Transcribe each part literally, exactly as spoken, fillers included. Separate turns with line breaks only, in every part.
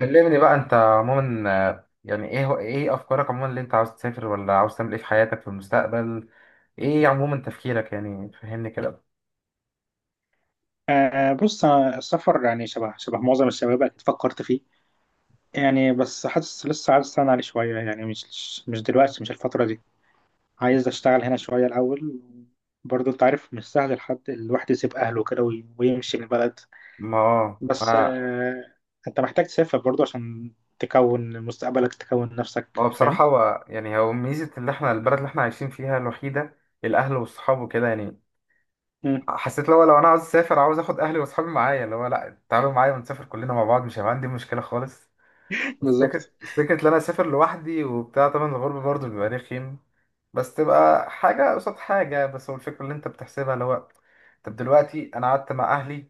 كلمني بقى انت عموما، آه، يعني ايه هو ايه افكارك عموما، اللي انت عاوز تسافر ولا عاوز تعمل ايه في حياتك في المستقبل؟ ايه عموما تفكيرك؟ يعني فهمني كده.
آه بص أنا السفر يعني شبه شبه معظم الشباب أكيد فكرت فيه يعني. بس حاسس لسه عايز أستنى عليه شوية يعني، مش مش دلوقتي، مش الفترة دي. عايز أشتغل هنا شوية الأول. برضه أنت عارف مش سهل لحد الواحد يسيب أهله كده وي- ويمشي من البلد.
ما هو
بس آه، أنت محتاج تسافر برضه عشان تكون مستقبلك، تكون نفسك.
ما هو
فاهم؟
بصراحة، هو يعني هو ميزة اللي احنا البلد اللي احنا عايشين فيها الوحيدة، الاهل والصحاب وكده يعني.
مم.
حسيت لو لو انا عاوز اسافر، عاوز اخد اهلي واصحابي معايا، اللي هو لا تعالوا معايا ونسافر كلنا مع بعض، مش هيبقى عندي مشكلة خالص. بس فكرة
بالظبط.
بس فكرة إن أنا أسافر لوحدي وبتاع، طبعا الغربة برضه بيبقى رخيم. بس تبقى حاجة قصاد حاجة، بس هو الفكرة اللي أنت بتحسبها اللي هو، طب دلوقتي أنا قعدت مع أهلي،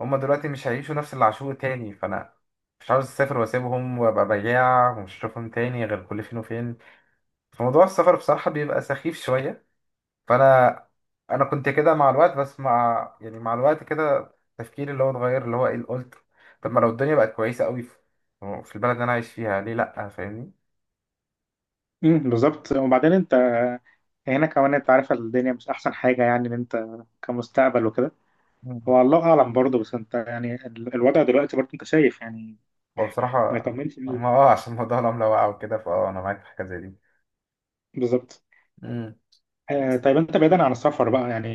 هما دلوقتي مش هيعيشوا نفس اللي عاشوه تاني، فأنا مش عاوز أسافر وأسيبهم وأبقى بياع ومش هشوفهم تاني غير كل فين وفين. فموضوع السفر بصراحة بيبقى سخيف شوية. فانا انا كنت كده مع الوقت، بس مع يعني مع الوقت كده تفكيري اللي هو اتغير، اللي هو ايه اللي قلت، طب ما لو الدنيا بقت كويسه قوي في في البلد اللي انا عايش فيها، ليه لا؟ فاهمني.
مم، بالظبط. وبعدين أنت هنا كمان أنت عارف الدنيا مش أحسن حاجة، يعني إن أنت كمستقبل وكده.
مم.
هو الله اعلم برضه، بس انت يعني ال- الوضع دلوقتي برضه انت شايف يعني
هو بصراحه،
ما يطمنش ليه.
ما اه عشان موضوع العمله وقع وكده، فاه انا معاك في حاجه زي دي.
بالظبط.
امم.
آه
بس
طيب انت بعيدا عن السفر بقى، يعني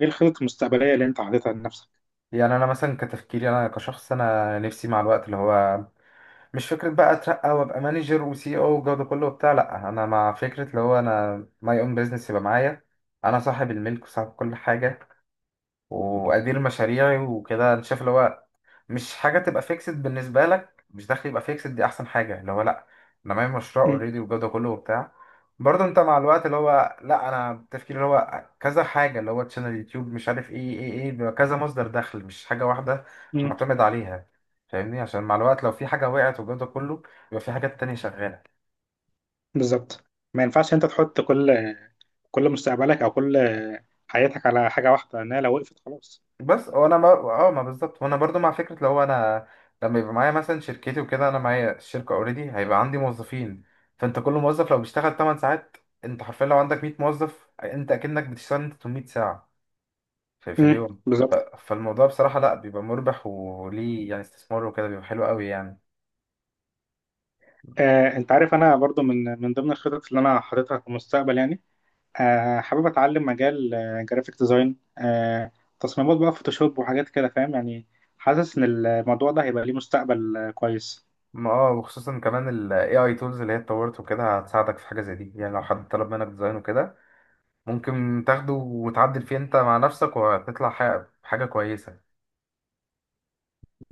ايه الخطط المستقبليه اللي انت حاططها لنفسك؟
يعني انا مثلا كتفكيري، انا كشخص، انا نفسي مع الوقت اللي هو، مش فكره بقى اترقى وابقى مانجر وسي او والجو ده كله وبتاع، لا انا مع فكره اللي هو انا ماي اون بزنس يبقى معايا، انا صاحب الملك وصاحب كل حاجه، وادير مشاريعي وكده. انا شايف اللي هو مش حاجه تبقى فيكسد بالنسبه لك، مش دخل يبقى فيكسد دي احسن حاجه، اللي هو لا انا معايا مشروع
مم.
اوريدي والجو ده كله وبتاع. برضه انت مع الوقت اللي هو لا، انا تفكيري اللي هو كذا حاجه، اللي هو تشانل يوتيوب، مش عارف ايه ايه ايه بيبقى كذا مصدر دخل، مش حاجه واحده
مم.
معتمد عليها. فاهمني؟ عشان مع الوقت لو في حاجه وقعت والجو ده كله، يبقى في حاجات تانية شغاله.
بالظبط. ما ينفعش انت تحط كل كل مستقبلك او كل حياتك على حاجه واحده، لانها لو وقفت خلاص.
بس هو انا ما اه ما بالظبط، وانا برضو مع فكره لو انا لما يبقى معايا مثلا شركتي وكده، انا معايا الشركه اوريدي، هيبقى عندي موظفين. فانت كل موظف لو بيشتغل 8 ساعات، انت حرفيا لو عندك 100 موظف، انت اكنك بتشتغل انت 800 ساعه في, في
مم.
اليوم.
بالظبط.
فالموضوع بصراحه لا بيبقى مربح، وليه يعني استثمار وكده بيبقى حلو قوي يعني.
آه انت عارف انا برضه من من ضمن الخطط اللي انا حاططها في المستقبل يعني، آه حابب اتعلم مجال جرافيك ديزاين، آه تصميمات بقى، فوتوشوب وحاجات كده، فاهم يعني. حاسس ان الموضوع ده هيبقى ليه مستقبل آه، كويس.
ما اه وخصوصا كمان ال A I tools اللي هي اتطورت وكده، هتساعدك في حاجه زي دي يعني. لو حد طلب منك ديزاين وكده، ممكن تاخده وتعدل فيه انت مع نفسك وهتطلع حاجه حاجة كويسه.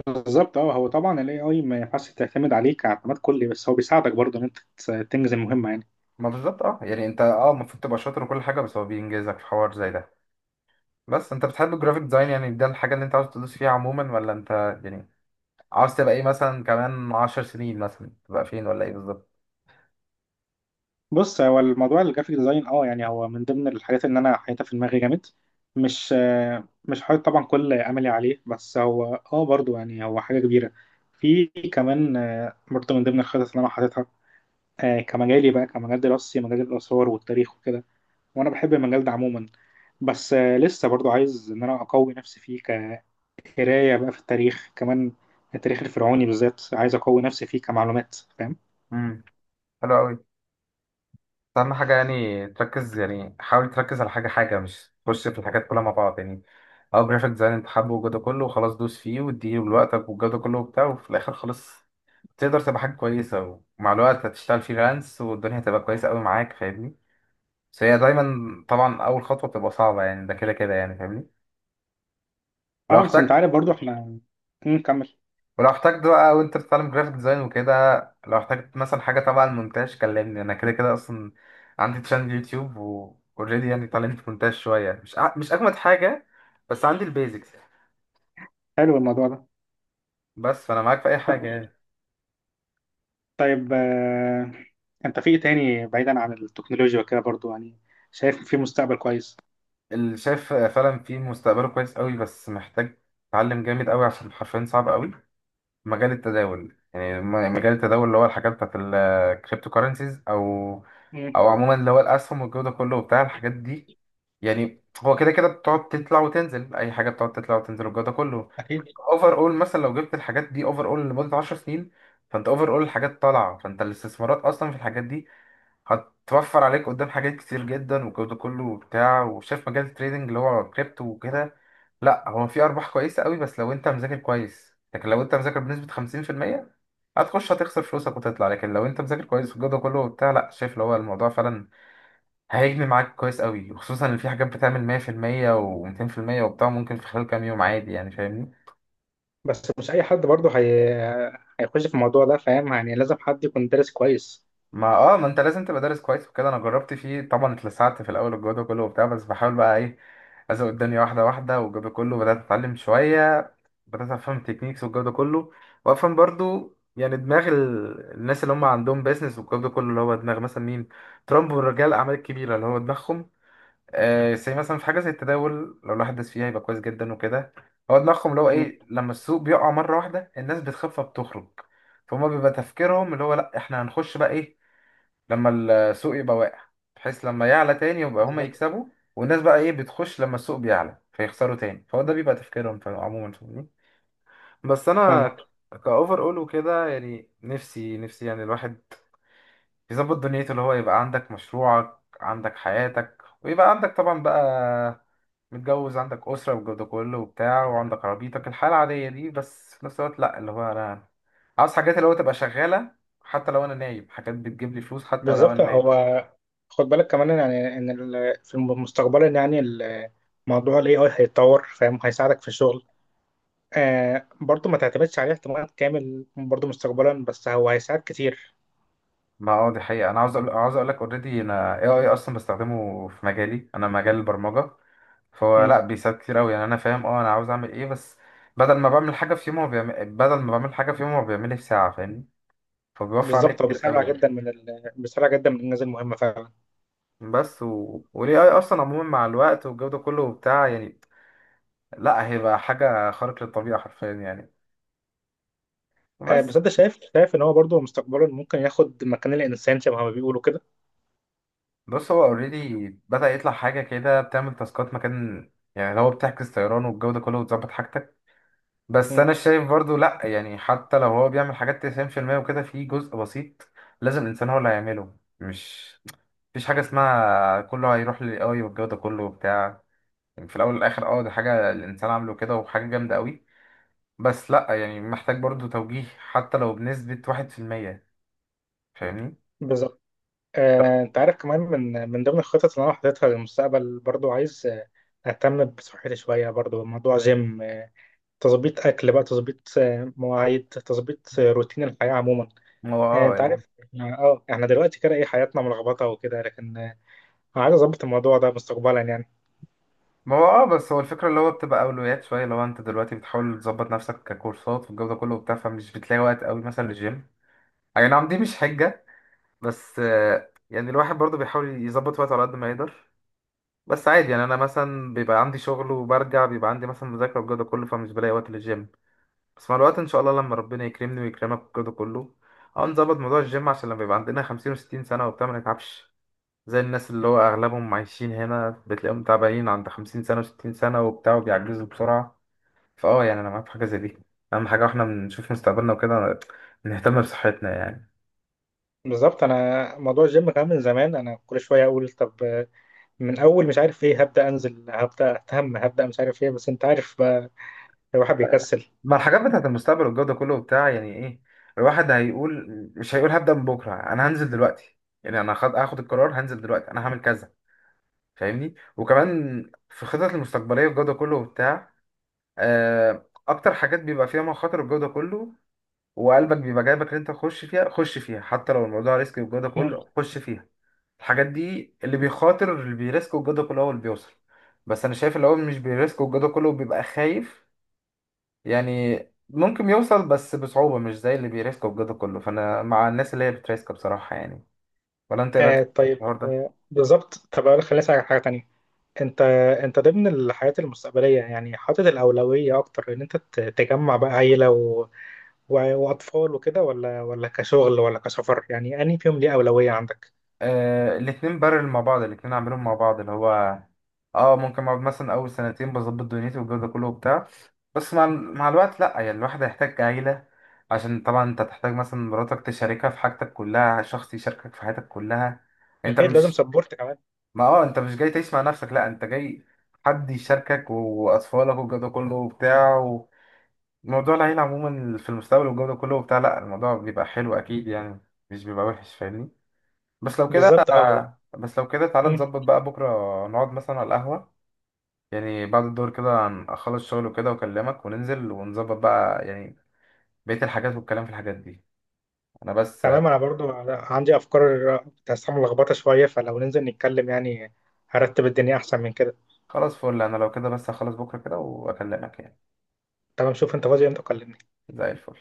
بالظبط. اه هو طبعا الاي اي ما ينفعش تعتمد عليه كاعتماد كلي، بس هو بيساعدك برضه ان انت تس- تنجز المهمه يعني.
ما بالظبط اه يعني انت اه المفروض تبقى شاطر وكل حاجه، بس هو بينجزك في حوار زي ده. بس انت بتحب الجرافيك ديزاين؟ يعني ده الحاجه اللي انت عاوز تدوس فيها عموما؟ ولا انت يعني عاوز تبقى ايه مثلا كمان عشر سنين، مثلا تبقى فين ولا ايه بالظبط؟
بص هو الموضوع الجرافيك ديزاين اه، يعني هو من ضمن الحاجات اللي انا حاططها في دماغي جامد. مش آه، مش حاطط طبعا كل املي عليه، بس هو اه برضه يعني هو حاجه كبيره. في كمان آه برضه من ضمن الخطط اللي انا حاططها آه، كمجالي بقى، كمجال دراستي، مجال الآثار والتاريخ وكده. وأنا بحب المجال ده عموما، بس آه، لسه برضو عايز إن أنا أقوي نفسي فيه، كقراية بقى في التاريخ. كمان التاريخ الفرعوني بالذات عايز أقوي نفسي فيه كمعلومات، فاهم.
امم، حلو قوي. اهم حاجه يعني تركز، يعني حاول تركز على حاجه حاجه، مش تخش في الحاجات كلها مع بعض يعني. اه جرافيك ديزاين انت حابه وجوده كله، وخلاص دوس فيه واديه لوقتك والجوده كله وبتاع، وفي الاخر خلاص تقدر تبقى حاجه كويسه، ومع الوقت هتشتغل فريلانس والدنيا هتبقى كويسه قوي معاك. فاهمني؟ بس هي دايما طبعا اول خطوه بتبقى صعبه يعني، ده كده كده يعني. فاهمني؟ لو
اه بس أنت
احتجت،
عارف برضو إحنا نكمل.
ولو احتجت بقى وانت بتتعلم جرافيك ديزاين وكده، لو احتجت مثلا حاجه تبع المونتاج كلمني. انا كده كده اصلا عندي تشانل يوتيوب واوريدي، يعني اتعلمت مونتاج شويه، مش أع- مش اجمد حاجه، بس عندي البيزكس.
حلو الموضوع ده.
بس فانا معاك في اي
ط-
حاجه يعني.
طيب آه، أنت في إيه تاني بعيدا عن التكنولوجيا وكده برضو، يعني شايف في مستقبل كويس.
اللي شايف فعلا في مستقبله كويس قوي، بس محتاج اتعلم جامد قوي عشان حرفيا صعب قوي، مجال التداول يعني، م- مجال التداول اللي هو الحاجات بتاعت الكريبتو كارنسيز، او
مم،
او عموما اللي هو الاسهم والجو ده كله وبتاع الحاجات دي. يعني هو كده كده بتقعد تطلع وتنزل، اي حاجه بتقعد تطلع وتنزل والجو ده كله.
أكيد.
اوفر اول مثلا لو جبت الحاجات دي اوفر اول لمده 10 سنين، فانت اوفر اول الحاجات طالعه، فانت الاستثمارات اصلا في الحاجات دي هتوفر عليك قدام حاجات كتير جدا والجو ده كله وبتاع. وشايف مجال التريدنج اللي هو كريبتو وكده، لا هو في ارباح كويسه قوي، بس لو انت مذاكر كويس. لكن لو انت مذاكر بنسبه خمسين في المية، هتخش هتخسر فلوسك وتطلع. لكن لو انت مذاكر كويس والجو ده كله وبتاع، لا شايف اللي هو الموضوع فعلا هيجني معاك كويس قوي، وخصوصا ان في حاجات بتعمل مية في المية و200% وبتاع، ممكن في خلال كام يوم عادي يعني. فاهمني؟
بس مش أي حد برضو هي هيخش في الموضوع ده، فاهم يعني لازم حد يكون دارس كويس.
ما اه ما انت لازم تبقى دارس كويس وكده. انا جربت فيه طبعا، اتلسعت في الاول والجو ده كله وبتاع، بس بحاول بقى ايه، ازق الدنيا واحده واحده والجو ده كله، بدات اتعلم شويه. بدأت أفهم تكنيكس والجو ده كله، وأفهم برضو يعني دماغ ال- الناس اللي هم عندهم بيزنس والجو ده كله، اللي هو دماغ مثلا مين، ترامب ورجال الأعمال الكبيرة اللي هو دماغهم. آه زي مثلا في حاجة زي التداول، لو الواحد داس فيها يبقى كويس جدا وكده. هو دماغهم اللي هو إيه، لما السوق بيقع مرة واحدة الناس بتخاف فبتخرج، فهم بيبقى تفكيرهم اللي هو لأ إحنا هنخش بقى إيه، لما السوق يبقى واقع، بحيث لما يعلى تاني يبقى هما
بالظبط.
يكسبوا. والناس بقى إيه بتخش لما السوق بيعلى فيخسروا تاني، فهو ده بيبقى تفكيرهم في- عموما. بس
فاهمك.
انا كاوفر اول وكده يعني نفسي، نفسي يعني الواحد يظبط دنيته، اللي هو يبقى عندك مشروعك، عندك حياتك، ويبقى عندك طبعا بقى متجوز، عندك اسره والجو ده كله وبتاع، وعندك عربيتك، الحياه العاديه دي، بس في نفس الوقت لا اللي هو، انا عاوز حاجات اللي هو تبقى شغاله حتى لو انا نايم، حاجات بتجيب لي فلوس حتى لو
بالظبط.
انا نايم.
هو خد بالك كمان يعني ان ال- في مستقبلا، يعني ال- موضوع الاي اي هيتطور، فاهم هيساعدك في الشغل. آه برضه ما تعتمدش عليه اعتماد كامل برضه مستقبلا، بس هو هيساعد كتير.
ما هو دي حقيقه. انا عاوز أقول، عاوز اقول لك، اوريدي انا اي اي اصلا بستخدمه في مجالي، انا مجال البرمجه، فهو لا
مم.
بيساعد كتير قوي يعني. انا فاهم اه انا عاوز اعمل ايه، بس بدل ما بعمل حاجه في يوم هو بيعمل بدل ما بعمل حاجه في يوم هو بيعملها في ساعه. فاهمني؟ فبيوفر عليا
بالظبط. هو
كتير
بيسرع
قوي يعني.
جدا من ال، بيسرع جدا من الانجاز المهمه فعلا.
بس و... والاي اي اصلا عموما مع الوقت والجو ده كله وبتاع يعني، لا هيبقى حاجه خارق للطبيعه حرفيا يعني.
آه
بس
بس انت شايف، شايف ان هو برضه مستقبلا ممكن ياخد مكان الانسان، شبه ما بيقولوا كده.
بص هو اوريدي بدأ يطلع حاجه كده بتعمل تاسكات مكان، يعني اللي هو بتعكس طيران والجو ده كله وتظبط حاجتك. بس
مم.
انا شايف برضو لا يعني، حتى لو هو بيعمل حاجات تسعين في المية وكده، في جزء بسيط لازم الانسان هو اللي هيعمله. مش مفيش حاجة اسمها كله هيروح للي قوي والجو ده كله وبتاع يعني. في الأول والآخر اه دي حاجة الإنسان عامله كده، وحاجة جامدة قوي، بس لأ يعني محتاج برضو توجيه حتى لو بنسبة واحد في المية. فاهمني؟
بالظبط.
لأ،
آه، انت عارف كمان من من ضمن الخطط اللي انا حاططها للمستقبل برضو، عايز آه، اهتم بصحتي شويه، برضو موضوع جيم آه، تظبيط اكل بقى، تظبيط آه، مواعيد، تظبيط آه، روتين الحياه عموما.
ما هو
آه،
اه
انت
يعني
عارف احنا اه احنا دلوقتي كده ايه حياتنا ملخبطه وكده، لكن آه، عايز اظبط الموضوع ده مستقبلا يعني.
ما هو اه بس هو الفكرة اللي هو بتبقى أولويات شوية. لو أنت دلوقتي بتحاول تظبط نفسك ككورسات والجو ده كله وبتاع، فمش بتلاقي وقت قوي مثلا للجيم. أي نعم دي مش حجة، بس آه، يعني الواحد برضو بيحاول يظبط وقته على قد ما يقدر. بس عادي يعني انا مثلا بيبقى عندي شغل، وبرجع بيبقى عندي مثلا مذاكره والجو ده كله، فمش بلاقي وقت للجيم. بس مع الوقت ان شاء الله لما ربنا يكرمني ويكرمك والجو ده كله، اه نظبط موضوع الجيم، عشان لما يبقى عندنا خمسين و60 سنه وبتاع ما نتعبش، زي الناس اللي هو اغلبهم عايشين هنا بتلاقيهم تعبانين عند خمسين سنه و60 سنه وبتاع وبيعجزوا بسرعه. فاه يعني انا معاك في حاجه زي دي، اهم حاجه واحنا بنشوف مستقبلنا وكده نهتم بصحتنا يعني.
بالظبط. انا موضوع الجيم كمان من زمان انا كل شويه اقول طب آه، من اول مش عارف ايه هبدا انزل، هبدا اهتم، هبدا مش عارف ايه، بس انت عارف بقى الواحد بيكسل.
ما الحاجات بتاعت المستقبل والجو ده كله وبتاع يعني ايه، الواحد هيقول مش هيقول هبدأ من بكرة، انا هنزل دلوقتي، يعني انا هاخد هاخد القرار، هنزل دلوقتي، انا هعمل كذا. فاهمني؟ وكمان في الخطط المستقبلية والجو ده كله وبتاع، آه، اكتر حاجات بيبقى فيها مخاطر والجو ده كله وقلبك بيبقى جايبك ان انت تخش فيها، خش فيها حتى لو الموضوع ريسك والجو ده كله، خش فيها. الحاجات دي اللي بيخاطر اللي بيريسك والجو ده كله هو اللي بيوصل. بس انا شايف اللي هو مش بيريسك والجو ده كله بيبقى خايف يعني، ممكن يوصل بس بصعوبة، مش زي اللي بيريسكوا بجد كله. فأنا مع الناس اللي هي بتريسك بصراحة يعني. ولا أنت إيه رأيك
آه
في
طيب
الحوار ده؟
آه بالظبط. طب اقول لك، خليني اسالك على حاجه تانية. انت، انت ضمن الحياه المستقبليه يعني حاطط الاولويه اكتر ان انت ت- تجمع بقى عيله و و واطفال وكده، ولا ولا كشغل ولا كسفر، يعني انهي فيهم ليه اولويه عندك؟
آه الاتنين بارل مع بعض، الاتنين عاملين مع بعض اللي هو، اه ممكن اقعد مثلا أول سنتين بظبط دنيتي والجو ده كله وبتاع، بس مع ال- مع الوقت لأ، يعني الواحد هيحتاج عيلة، عشان طبعا أنت تحتاج مثلا مراتك تشاركها في حاجتك كلها، شخص يشاركك في حياتك كلها. أنت
اكيد لازم
مش،
سبورت كمان.
ما اه أنت مش جاي تعيش مع نفسك، لأ أنت جاي حد يشاركك، و- واطفالك والجو ده كله وبتاع. موضوع العيلة عموما في المستقبل والجو ده كله وبتاع، لا الموضوع بيبقى حلو أكيد يعني، مش بيبقى وحش. فاهمني؟ بس لو كده،
بالظبط اه.
بس لو كده تعالى
مم.
نظبط بقى بكرة، نقعد مثلا على القهوة. يعني بعد الدور كده هن- أخلص شغل وكده وأكلمك، وننزل ونظبط بقى يعني بقية الحاجات، والكلام في الحاجات دي. أنا بس
تمام انا برضو عندي افكار تحسها ملخبطه شويه، فلو ننزل نتكلم يعني هرتب الدنيا احسن من كده.
خلاص، فل. أنا لو كده بس هخلص بكرة كده وأكلمك يعني.
تمام شوف انت فاضي امتى كلمني.
زي الفل.